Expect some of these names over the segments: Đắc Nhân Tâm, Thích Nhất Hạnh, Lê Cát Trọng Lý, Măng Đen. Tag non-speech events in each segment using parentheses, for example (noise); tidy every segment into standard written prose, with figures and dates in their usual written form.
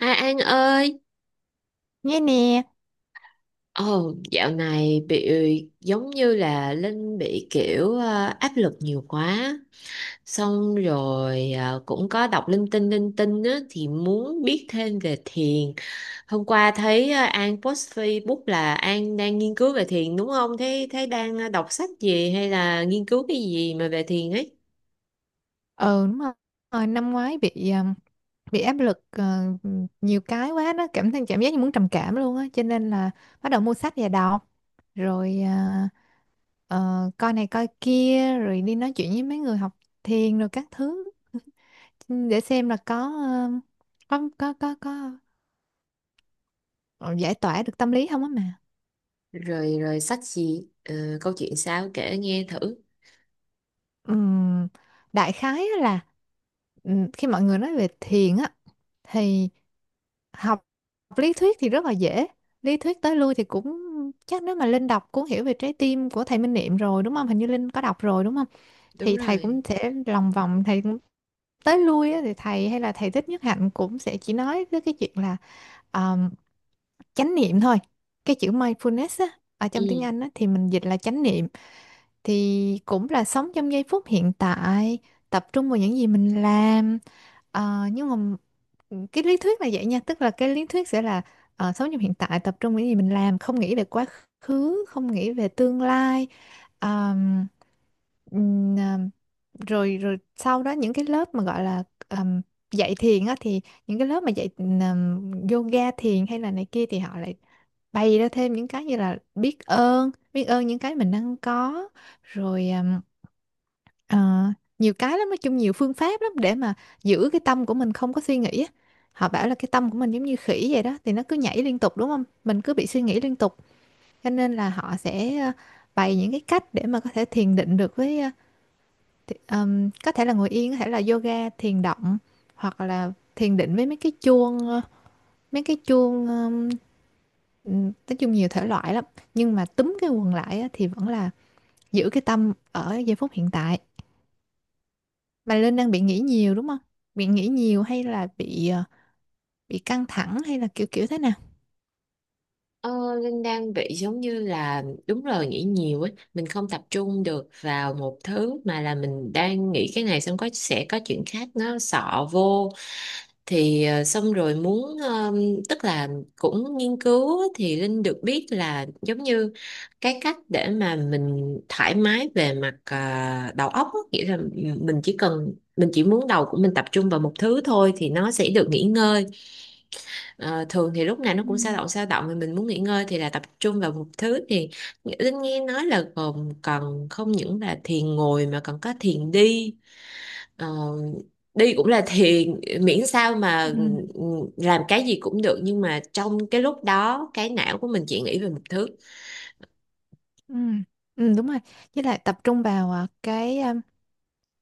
Hai An ơi, Nghe nè. ồ dạo này bị giống như là Linh bị kiểu áp lực nhiều quá, xong rồi cũng có đọc linh tinh á, thì muốn biết thêm về thiền. Hôm qua thấy An post Facebook là An đang nghiên cứu về thiền đúng không? Thế thế đang đọc sách gì hay là nghiên cứu cái gì mà về thiền ấy? Ừ, đúng rồi. Ờ, năm ngoái bị áp lực, ờ, nhiều cái quá đó, cảm thấy cảm giác như muốn trầm cảm luôn á, cho nên là bắt đầu mua sách và đọc rồi à, ờ, coi này coi kia rồi đi nói chuyện với mấy người học thiền rồi các thứ, để xem là có ờ, có ờ, giải tỏa được tâm lý không á mà. Rồi rồi sách gì? Ờ, câu chuyện sao kể nghe thử. Ừm, Đại khái á là, khi mọi người nói về thiền á thì học lý thuyết thì rất là dễ, lý thuyết tới lui thì cũng, chắc nếu mà Linh đọc cuốn Hiểu Về Trái Tim của thầy Minh Niệm rồi đúng không, hình như Linh có đọc rồi đúng không. Đúng Thì thầy rồi. cũng sẽ lòng vòng, thầy tới lui á, thì thầy hay là thầy Thích Nhất Hạnh cũng sẽ chỉ nói tới cái chuyện là um, chánh niệm thôi. Cái chữ mindfulness á, ở trong tiếng Ừ. Anh á, thì mình dịch là chánh niệm. Thì cũng là sống trong giây phút hiện tại, tập trung vào những gì mình làm. Ờ, nhưng mà ừ, cái lý thuyết là vậy nha, tức là cái lý thuyết sẽ là ờ, sống trong hiện tại, tập trung vào những gì mình làm, không nghĩ về quá khứ, không nghĩ về tương lai. Ờm, ừm, rồi rồi sau đó những cái lớp mà gọi là ừm, dạy thiền á, thì những cái lớp mà dạy yoga thiền hay là này kia thì họ lại bày ra thêm những cái như là biết ơn những cái mình đang có rồi ờ, nhiều cái lắm, nói chung nhiều phương pháp lắm để mà giữ cái tâm của mình không có suy nghĩ á. Họ bảo là cái tâm của mình giống như khỉ vậy đó, thì nó cứ nhảy liên tục đúng không, mình cứ bị suy nghĩ liên tục, cho nên là họ sẽ ờ, bày những cái cách để mà có thể thiền định được với, ờ, thì, có thể là ngồi yên, có thể là yoga, thiền động, hoặc là thiền định với mấy cái chuông, ờ, mấy cái chuông. Nói chung nhiều thể loại lắm, nhưng mà túm cái quần lại á, thì vẫn là giữ cái tâm ở giây phút hiện tại. Mà Linh đang bị nghĩ nhiều đúng không? Bị nghĩ nhiều hay là bị ờ, bị căng thẳng hay là kiểu kiểu thế nào? Ờ, Linh đang bị giống như là đúng rồi nghĩ nhiều ấy, mình không tập trung được vào một thứ, mà là mình đang nghĩ cái này xong có sẽ có chuyện khác nó xọ vô, thì xong rồi muốn tức là cũng nghiên cứu thì Linh được biết là giống như cái cách để mà mình thoải mái về mặt đầu óc á, nghĩa là mình chỉ muốn đầu của mình tập trung vào một thứ thôi thì nó sẽ được nghỉ ngơi. Ờ, thường thì lúc nào nó Ừ. cũng sao động sao động, mà mình muốn nghỉ ngơi thì là tập trung vào một thứ thì Linh nghe nói là còn cần không những là thiền ngồi mà còn có thiền đi. Ờ, đi cũng là thiền, miễn sao mà Ừ, ừ, làm cái gì cũng được, nhưng mà trong cái lúc đó cái não của mình chỉ nghĩ về một thứ. ừ, ừ, đúng rồi. Với lại tập trung vào à, cái à,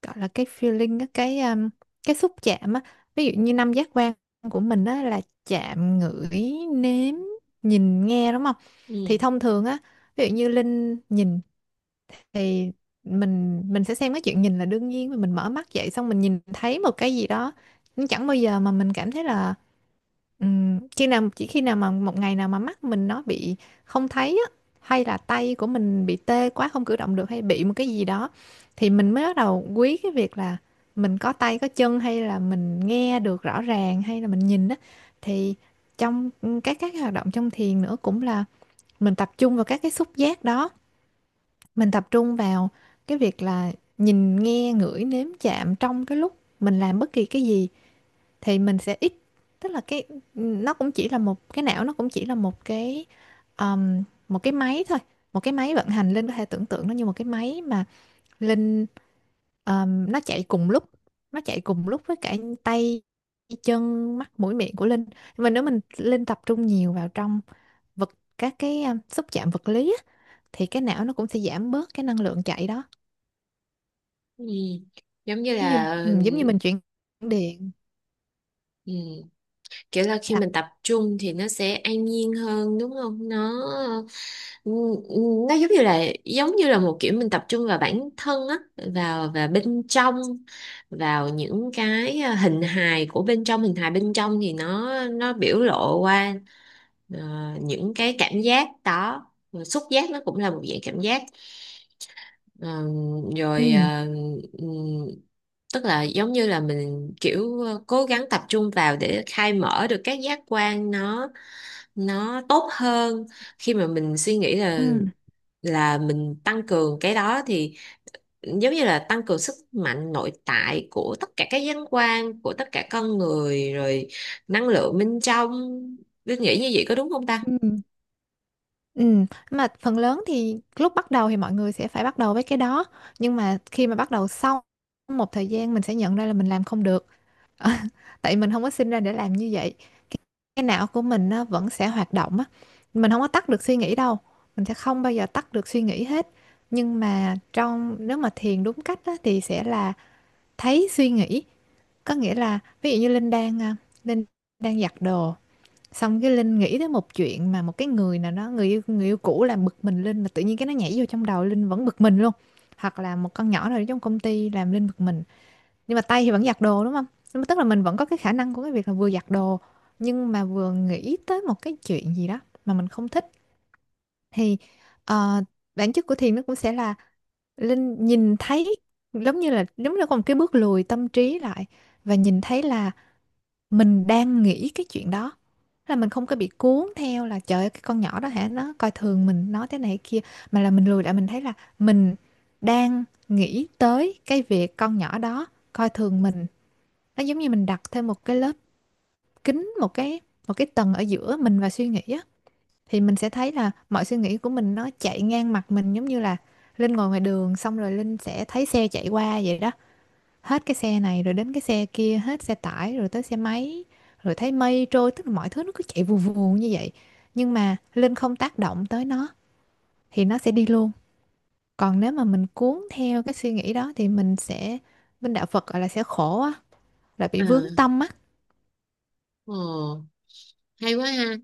gọi là cái feeling á, cái cái xúc chạm á, ví dụ như năm giác quan của mình á là chạm, ngửi, nếm, nhìn, nghe đúng không. Thì Ừ. thông thường á, ví dụ như Linh nhìn, thì mình sẽ xem cái chuyện nhìn là đương nhiên, mà mình mở mắt dậy xong mình nhìn thấy một cái gì đó, nhưng chẳng bao giờ mà mình cảm thấy là khi nào, chỉ khi nào mà một ngày nào mà mắt mình nó bị không thấy á, hay là tay của mình bị tê quá không cử động được, hay bị một cái gì đó, thì mình mới bắt đầu quý cái việc là mình có tay có chân, hay là mình nghe được rõ ràng, hay là mình nhìn á. Thì trong các cái hoạt động trong thiền nữa cũng là mình tập trung vào các cái xúc giác đó, mình tập trung vào cái việc là nhìn, nghe, ngửi, nếm, chạm trong cái lúc mình làm bất kỳ cái gì, thì mình sẽ ít, tức là cái, nó cũng chỉ là một cái não, nó cũng chỉ là một cái máy thôi, một cái máy vận hành. Linh có thể tưởng tượng nó như một cái máy mà Linh, nó chạy cùng lúc, nó chạy cùng lúc với cả tay, chân, mắt, mũi, miệng của Linh. Nhưng mà nếu mình Linh tập trung nhiều vào trong vật, các cái xúc chạm vật lý á, thì cái não nó cũng sẽ giảm bớt cái năng lượng chạy đó. Ừ. Giống như Giống như là ừ, giống như mình chuyển điện, ừ, kiểu là khi sạc. mình tập trung thì nó sẽ an nhiên hơn đúng không nó. Ừ, ừ, nó giống như là một kiểu mình tập trung vào bản thân á, vào và bên trong, vào những cái à, hình hài của bên trong, hình hài bên trong thì nó biểu lộ qua ờ, những cái cảm giác đó. Rồi xúc giác nó cũng là một dạng cảm giác. Ờ, rồi Ừ, ừm, tức là giống như là mình kiểu cố gắng tập trung vào để khai mở được các giác quan nó tốt hơn. Khi mà mình suy nghĩ ừ, là mình tăng cường cái đó thì giống như là tăng cường sức mạnh nội tại của tất cả các giác quan của tất cả con người, rồi năng lượng bên trong. Biết nghĩ như vậy có đúng không ta? ừ, ừ, mà phần lớn thì lúc bắt đầu thì mọi người sẽ phải bắt đầu với cái đó, nhưng mà khi mà bắt đầu sau một thời gian mình sẽ nhận ra là mình làm không được. Ờ, (laughs) tại mình không có sinh ra để làm như vậy. cái, cái não của mình nó vẫn sẽ hoạt động á, mình không có tắt được suy nghĩ đâu, mình sẽ không bao giờ tắt được suy nghĩ hết. Nhưng mà trong nếu mà thiền đúng cách á, thì sẽ là thấy suy nghĩ, có nghĩa là ví dụ như Linh đang à, Linh đang giặt đồ, xong cái Linh nghĩ tới một chuyện mà một cái người nào đó, người yêu cũ làm bực mình Linh, mà tự nhiên cái nó nhảy vô trong đầu Linh vẫn bực mình luôn, hoặc là một con nhỏ nào đó trong công ty làm Linh bực mình, nhưng mà tay thì vẫn giặt đồ đúng không. Nhưng mà tức là mình vẫn có cái khả năng của cái việc là vừa giặt đồ, nhưng mà vừa nghĩ tới một cái chuyện gì đó mà mình không thích. Thì ờ, bản chất của thiền nó cũng sẽ là Linh nhìn thấy, giống như là có một cái bước lùi tâm trí lại, và nhìn thấy là mình đang nghĩ cái chuyện đó, là mình không có bị cuốn theo là trời ơi cái con nhỏ đó hả nó coi thường mình nói thế này thế kia, mà là mình lùi lại mình thấy là mình đang nghĩ tới cái việc con nhỏ đó coi thường mình. Nó giống như mình đặt thêm một cái lớp kính, một cái tầng ở giữa mình và suy nghĩ á, thì mình sẽ thấy là mọi suy nghĩ của mình nó chạy ngang mặt mình, giống như là Linh ngồi ngoài đường, xong rồi Linh sẽ thấy xe chạy qua vậy đó, hết cái xe này rồi đến cái xe kia, hết xe tải rồi tới xe máy, rồi thấy mây trôi, tức là mọi thứ nó cứ chạy vù vù như vậy, nhưng mà Linh không tác động tới nó thì nó sẽ đi luôn. Còn nếu mà mình cuốn theo cái suy nghĩ đó thì mình sẽ, bên đạo Phật gọi là sẽ khổ á, là bị À, vướng tâm á. ồ, hay quá ha.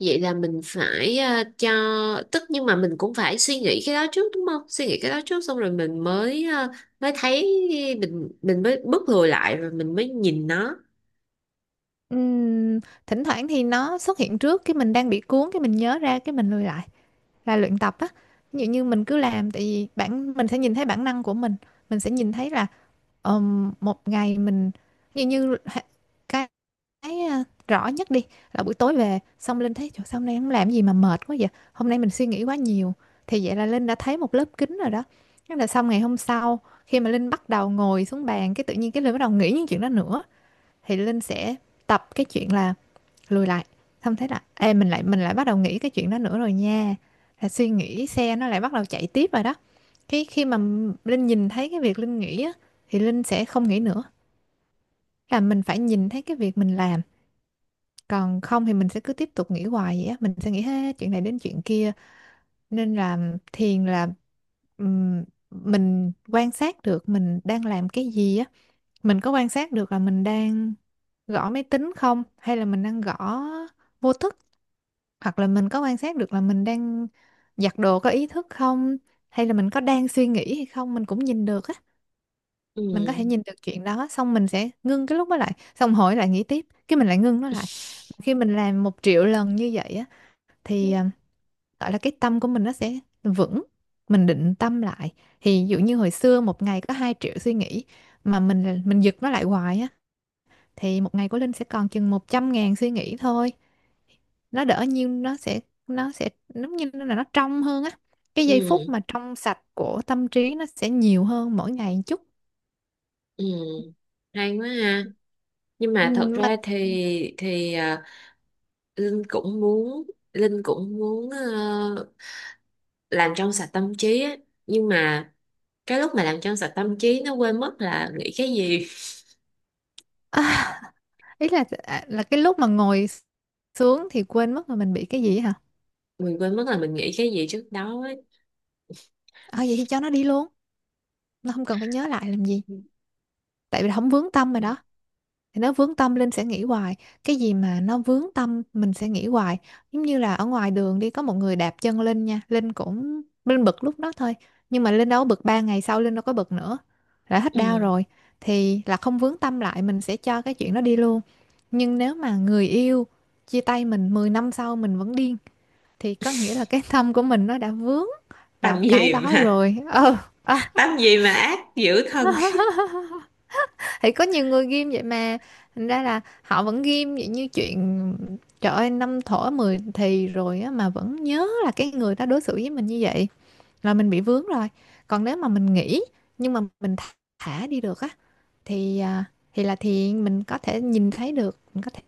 Vậy là mình phải cho, tức nhưng mà mình cũng phải suy nghĩ cái đó trước đúng không? Suy nghĩ cái đó trước xong rồi mình mới mới thấy mình mới bước lùi lại rồi mình mới nhìn nó. Ừm, Thỉnh thoảng thì nó xuất hiện trước, cái mình đang bị cuốn, cái mình nhớ ra, cái mình lùi lại, là luyện tập á. Ví dụ như mình cứ làm, tại vì bản, mình sẽ nhìn thấy bản năng của mình sẽ nhìn thấy là một ngày mình, như như h- cái, cái à, rõ nhất đi, là buổi tối về xong Linh thấy trời sao hôm nay không làm gì mà mệt quá vậy, hôm nay mình suy nghĩ quá nhiều, thì vậy là Linh đã thấy một lớp kính rồi đó. Thế là xong ngày hôm sau khi mà Linh bắt đầu ngồi xuống bàn, cái tự nhiên cái Linh bắt đầu nghĩ những chuyện đó nữa, thì Linh sẽ tập cái chuyện là lùi lại, xong thế là ê mình lại bắt đầu nghĩ cái chuyện đó nữa rồi nha, là suy nghĩ xe nó lại bắt đầu chạy tiếp rồi đó. Cái khi mà Linh nhìn thấy cái việc Linh nghĩ á thì Linh sẽ không nghĩ nữa, là mình phải nhìn thấy cái việc mình làm, còn không thì mình sẽ cứ tiếp tục nghĩ hoài vậy á, mình sẽ nghĩ hết chuyện này đến chuyện kia. Nên là thiền là ừm, mình quan sát được mình đang làm cái gì á, mình có quan sát được là mình đang gõ máy tính không, hay là mình đang gõ vô thức, hoặc là mình có quan sát được là mình đang giặt đồ có ý thức không, hay là mình có đang suy nghĩ hay không mình cũng nhìn được á. Ừ. Mình có thể nhìn được chuyện đó, xong mình sẽ ngưng cái lúc đó lại, xong hỏi lại nghĩ tiếp cái mình lại ngưng nó lại. Khi mình làm 1 triệu lần như vậy á thì à, gọi là cái tâm của mình nó sẽ vững, mình định tâm lại. Thì ví dụ như hồi xưa một ngày có 2 triệu suy nghĩ, mà mình giật nó lại hoài á, thì một ngày của Linh sẽ còn chừng 100 ngàn suy nghĩ thôi, nó đỡ nhiêu, nó sẽ, nó sẽ giống như là nó trong hơn á, cái giây phút Ừ. mà trong sạch của tâm trí nó sẽ nhiều hơn mỗi ngày một chút. Ừ. Hay quá ha. Nhưng Ừ, mà thật mà ra thì Linh cũng muốn Linh cũng muốn làm trong sạch tâm trí á. Nhưng mà cái lúc mà làm trong sạch tâm trí nó quên mất là nghĩ cái gì, (laughs) ý là là cái lúc mà ngồi xuống thì quên mất là mình bị cái gì hả? mình quên mất là mình nghĩ cái gì trước đó ấy. À, vậy thì cho nó đi luôn, nó không cần phải nhớ lại làm gì, tại vì không vướng tâm rồi đó. Thì nó vướng tâm Linh sẽ nghĩ hoài, cái gì mà nó vướng tâm mình sẽ nghĩ hoài. Giống như là ở ngoài đường đi có một người đạp chân Linh nha, Linh bực lúc đó thôi, nhưng mà Linh đâu có bực, 3 ngày sau Linh đâu có bực nữa, đã hết đau Ừ. rồi. Thì là không vướng tâm lại, mình sẽ cho cái chuyện đó đi luôn. Nhưng nếu mà người yêu chia tay mình 10 năm sau mình vẫn điên, thì có nghĩa là cái (laughs) tâm của mình nó đã vướng vào Tâm cái gì đó mà rồi. Ờ ờ tâm gì mà ác dữ thân. (laughs) thì có nhiều người ghim vậy mà, thành ra là họ vẫn ghim vậy, như chuyện trời ơi năm thổ mười thì rồi á mà vẫn nhớ là cái người đó đối xử với mình như vậy, là mình bị vướng rồi. Còn nếu mà mình nghĩ, nhưng mà mình thả đi được á, thì à, thì là mình có thể nhìn thấy được, mình có thể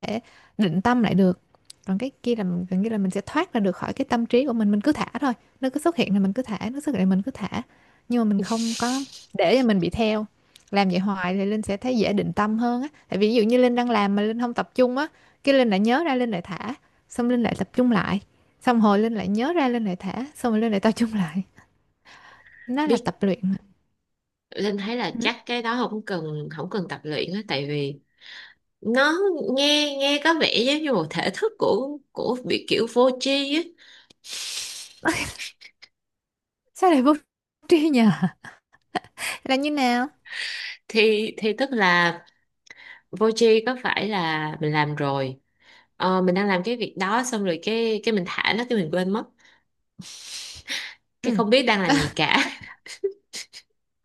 thể định tâm lại được. Còn cái kia là gần như là mình sẽ thoát ra được khỏi cái tâm trí của mình cứ thả thôi. Nó cứ xuất hiện là mình cứ thả, nó xuất hiện là mình cứ thả, nhưng mà mình không có để (laughs) cho mình bị theo. Làm vậy hoài thì Linh sẽ thấy dễ định tâm hơn á, tại vì ví dụ như Linh đang làm mà Linh không tập trung á, cái Linh lại nhớ ra Linh lại thả, xong Linh lại tập trung lại, xong hồi Linh lại nhớ ra Linh lại thả, xong rồi Linh lại tập trung lại. Nó là Biết, tập luyện mà. Linh thấy là Ừ. chắc cái đó không cần tập luyện á, tại vì nó nghe, nghe có vẻ giống như một thể thức của bị kiểu vô tri á. (laughs) Sao lại vô tri nhờ, là như nào? Thì tức là Voji có phải là mình làm rồi mình đang làm cái việc đó xong rồi cái mình thả nó cái mình quên mất, cái Ừ. không biết đang làm gì cả.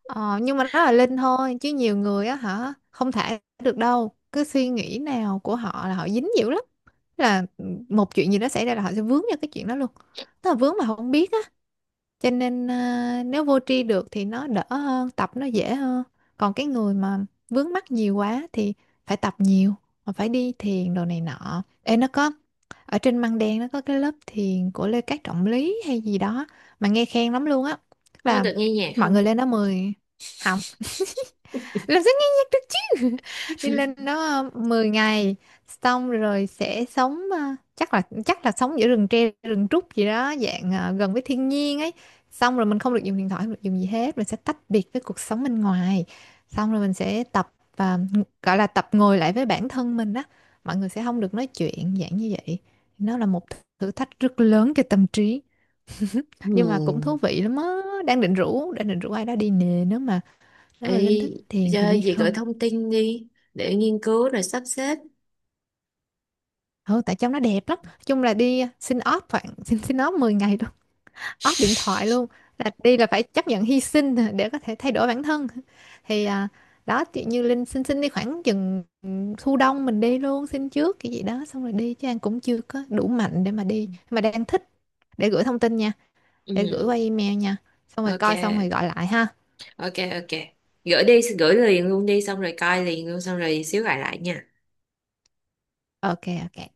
Ờ, nhưng mà đó là Linh thôi, chứ nhiều người á hả, không thể được đâu, cái suy nghĩ nào của họ là họ dính dữ lắm. Là một chuyện gì đó xảy ra là họ sẽ vướng vào cái chuyện đó luôn, tức là vướng mà họ không biết á. Cho nên nếu vô tri được thì nó đỡ hơn, tập nó dễ hơn. Còn cái người mà vướng mắc nhiều quá thì phải tập nhiều, mà phải đi thiền đồ này nọ. Ê, nó có ở trên Măng Đen, nó có cái lớp thiền của Lê Cát Trọng Lý hay gì đó, mà nghe khen lắm luôn á. Tức (laughs) Có là được nghe nhạc mọi người không? lên đó 10 học làm sao nhanh nhất được chứ, (laughs) đi lên đó 10 ngày, xong rồi sẽ sống, chắc là sống giữa rừng tre rừng trúc gì đó, dạng gần với thiên nhiên ấy. Xong rồi mình không được dùng điện thoại, không được dùng gì hết, mình sẽ tách biệt với cuộc sống bên ngoài. Xong rồi mình sẽ tập, ờ, gọi là tập ngồi lại với bản thân mình á, mọi người sẽ không được nói chuyện dạng như vậy. Nó là một thử thách rất lớn cho tâm trí, nhưng mà cũng thú Hmm. vị lắm á. Đang định rủ ai đó đi nè, nếu Ê, mà Linh thích thiền thì giờ đi gì gửi không? thông tin đi để nghiên cứu rồi sắp xếp. Ừ, tại trong nó đẹp lắm. Nói chung là đi, xin off khoảng (laughs) xin xin off 10 ngày luôn, off điện thoại luôn. (laughs) Là đi là phải chấp nhận hy sinh (laughs) để có thể thay đổi bản thân. Thì à, đó chị như Linh xin xin đi khoảng chừng thu đông mình đi luôn, xin trước cái gì đó xong rồi đi, chứ An cũng chưa có đủ mạnh để mà đi. Nhưng mà đang thích, để gửi thông tin nha, để gửi Ừ. qua email nha. Xong rồi coi xong rồi Ok, gọi lại ha. ok, ok, gửi đi gửi liền luôn đi, xong rồi coi liền luôn, xong rồi xíu gọi lại nha. Ok, ok.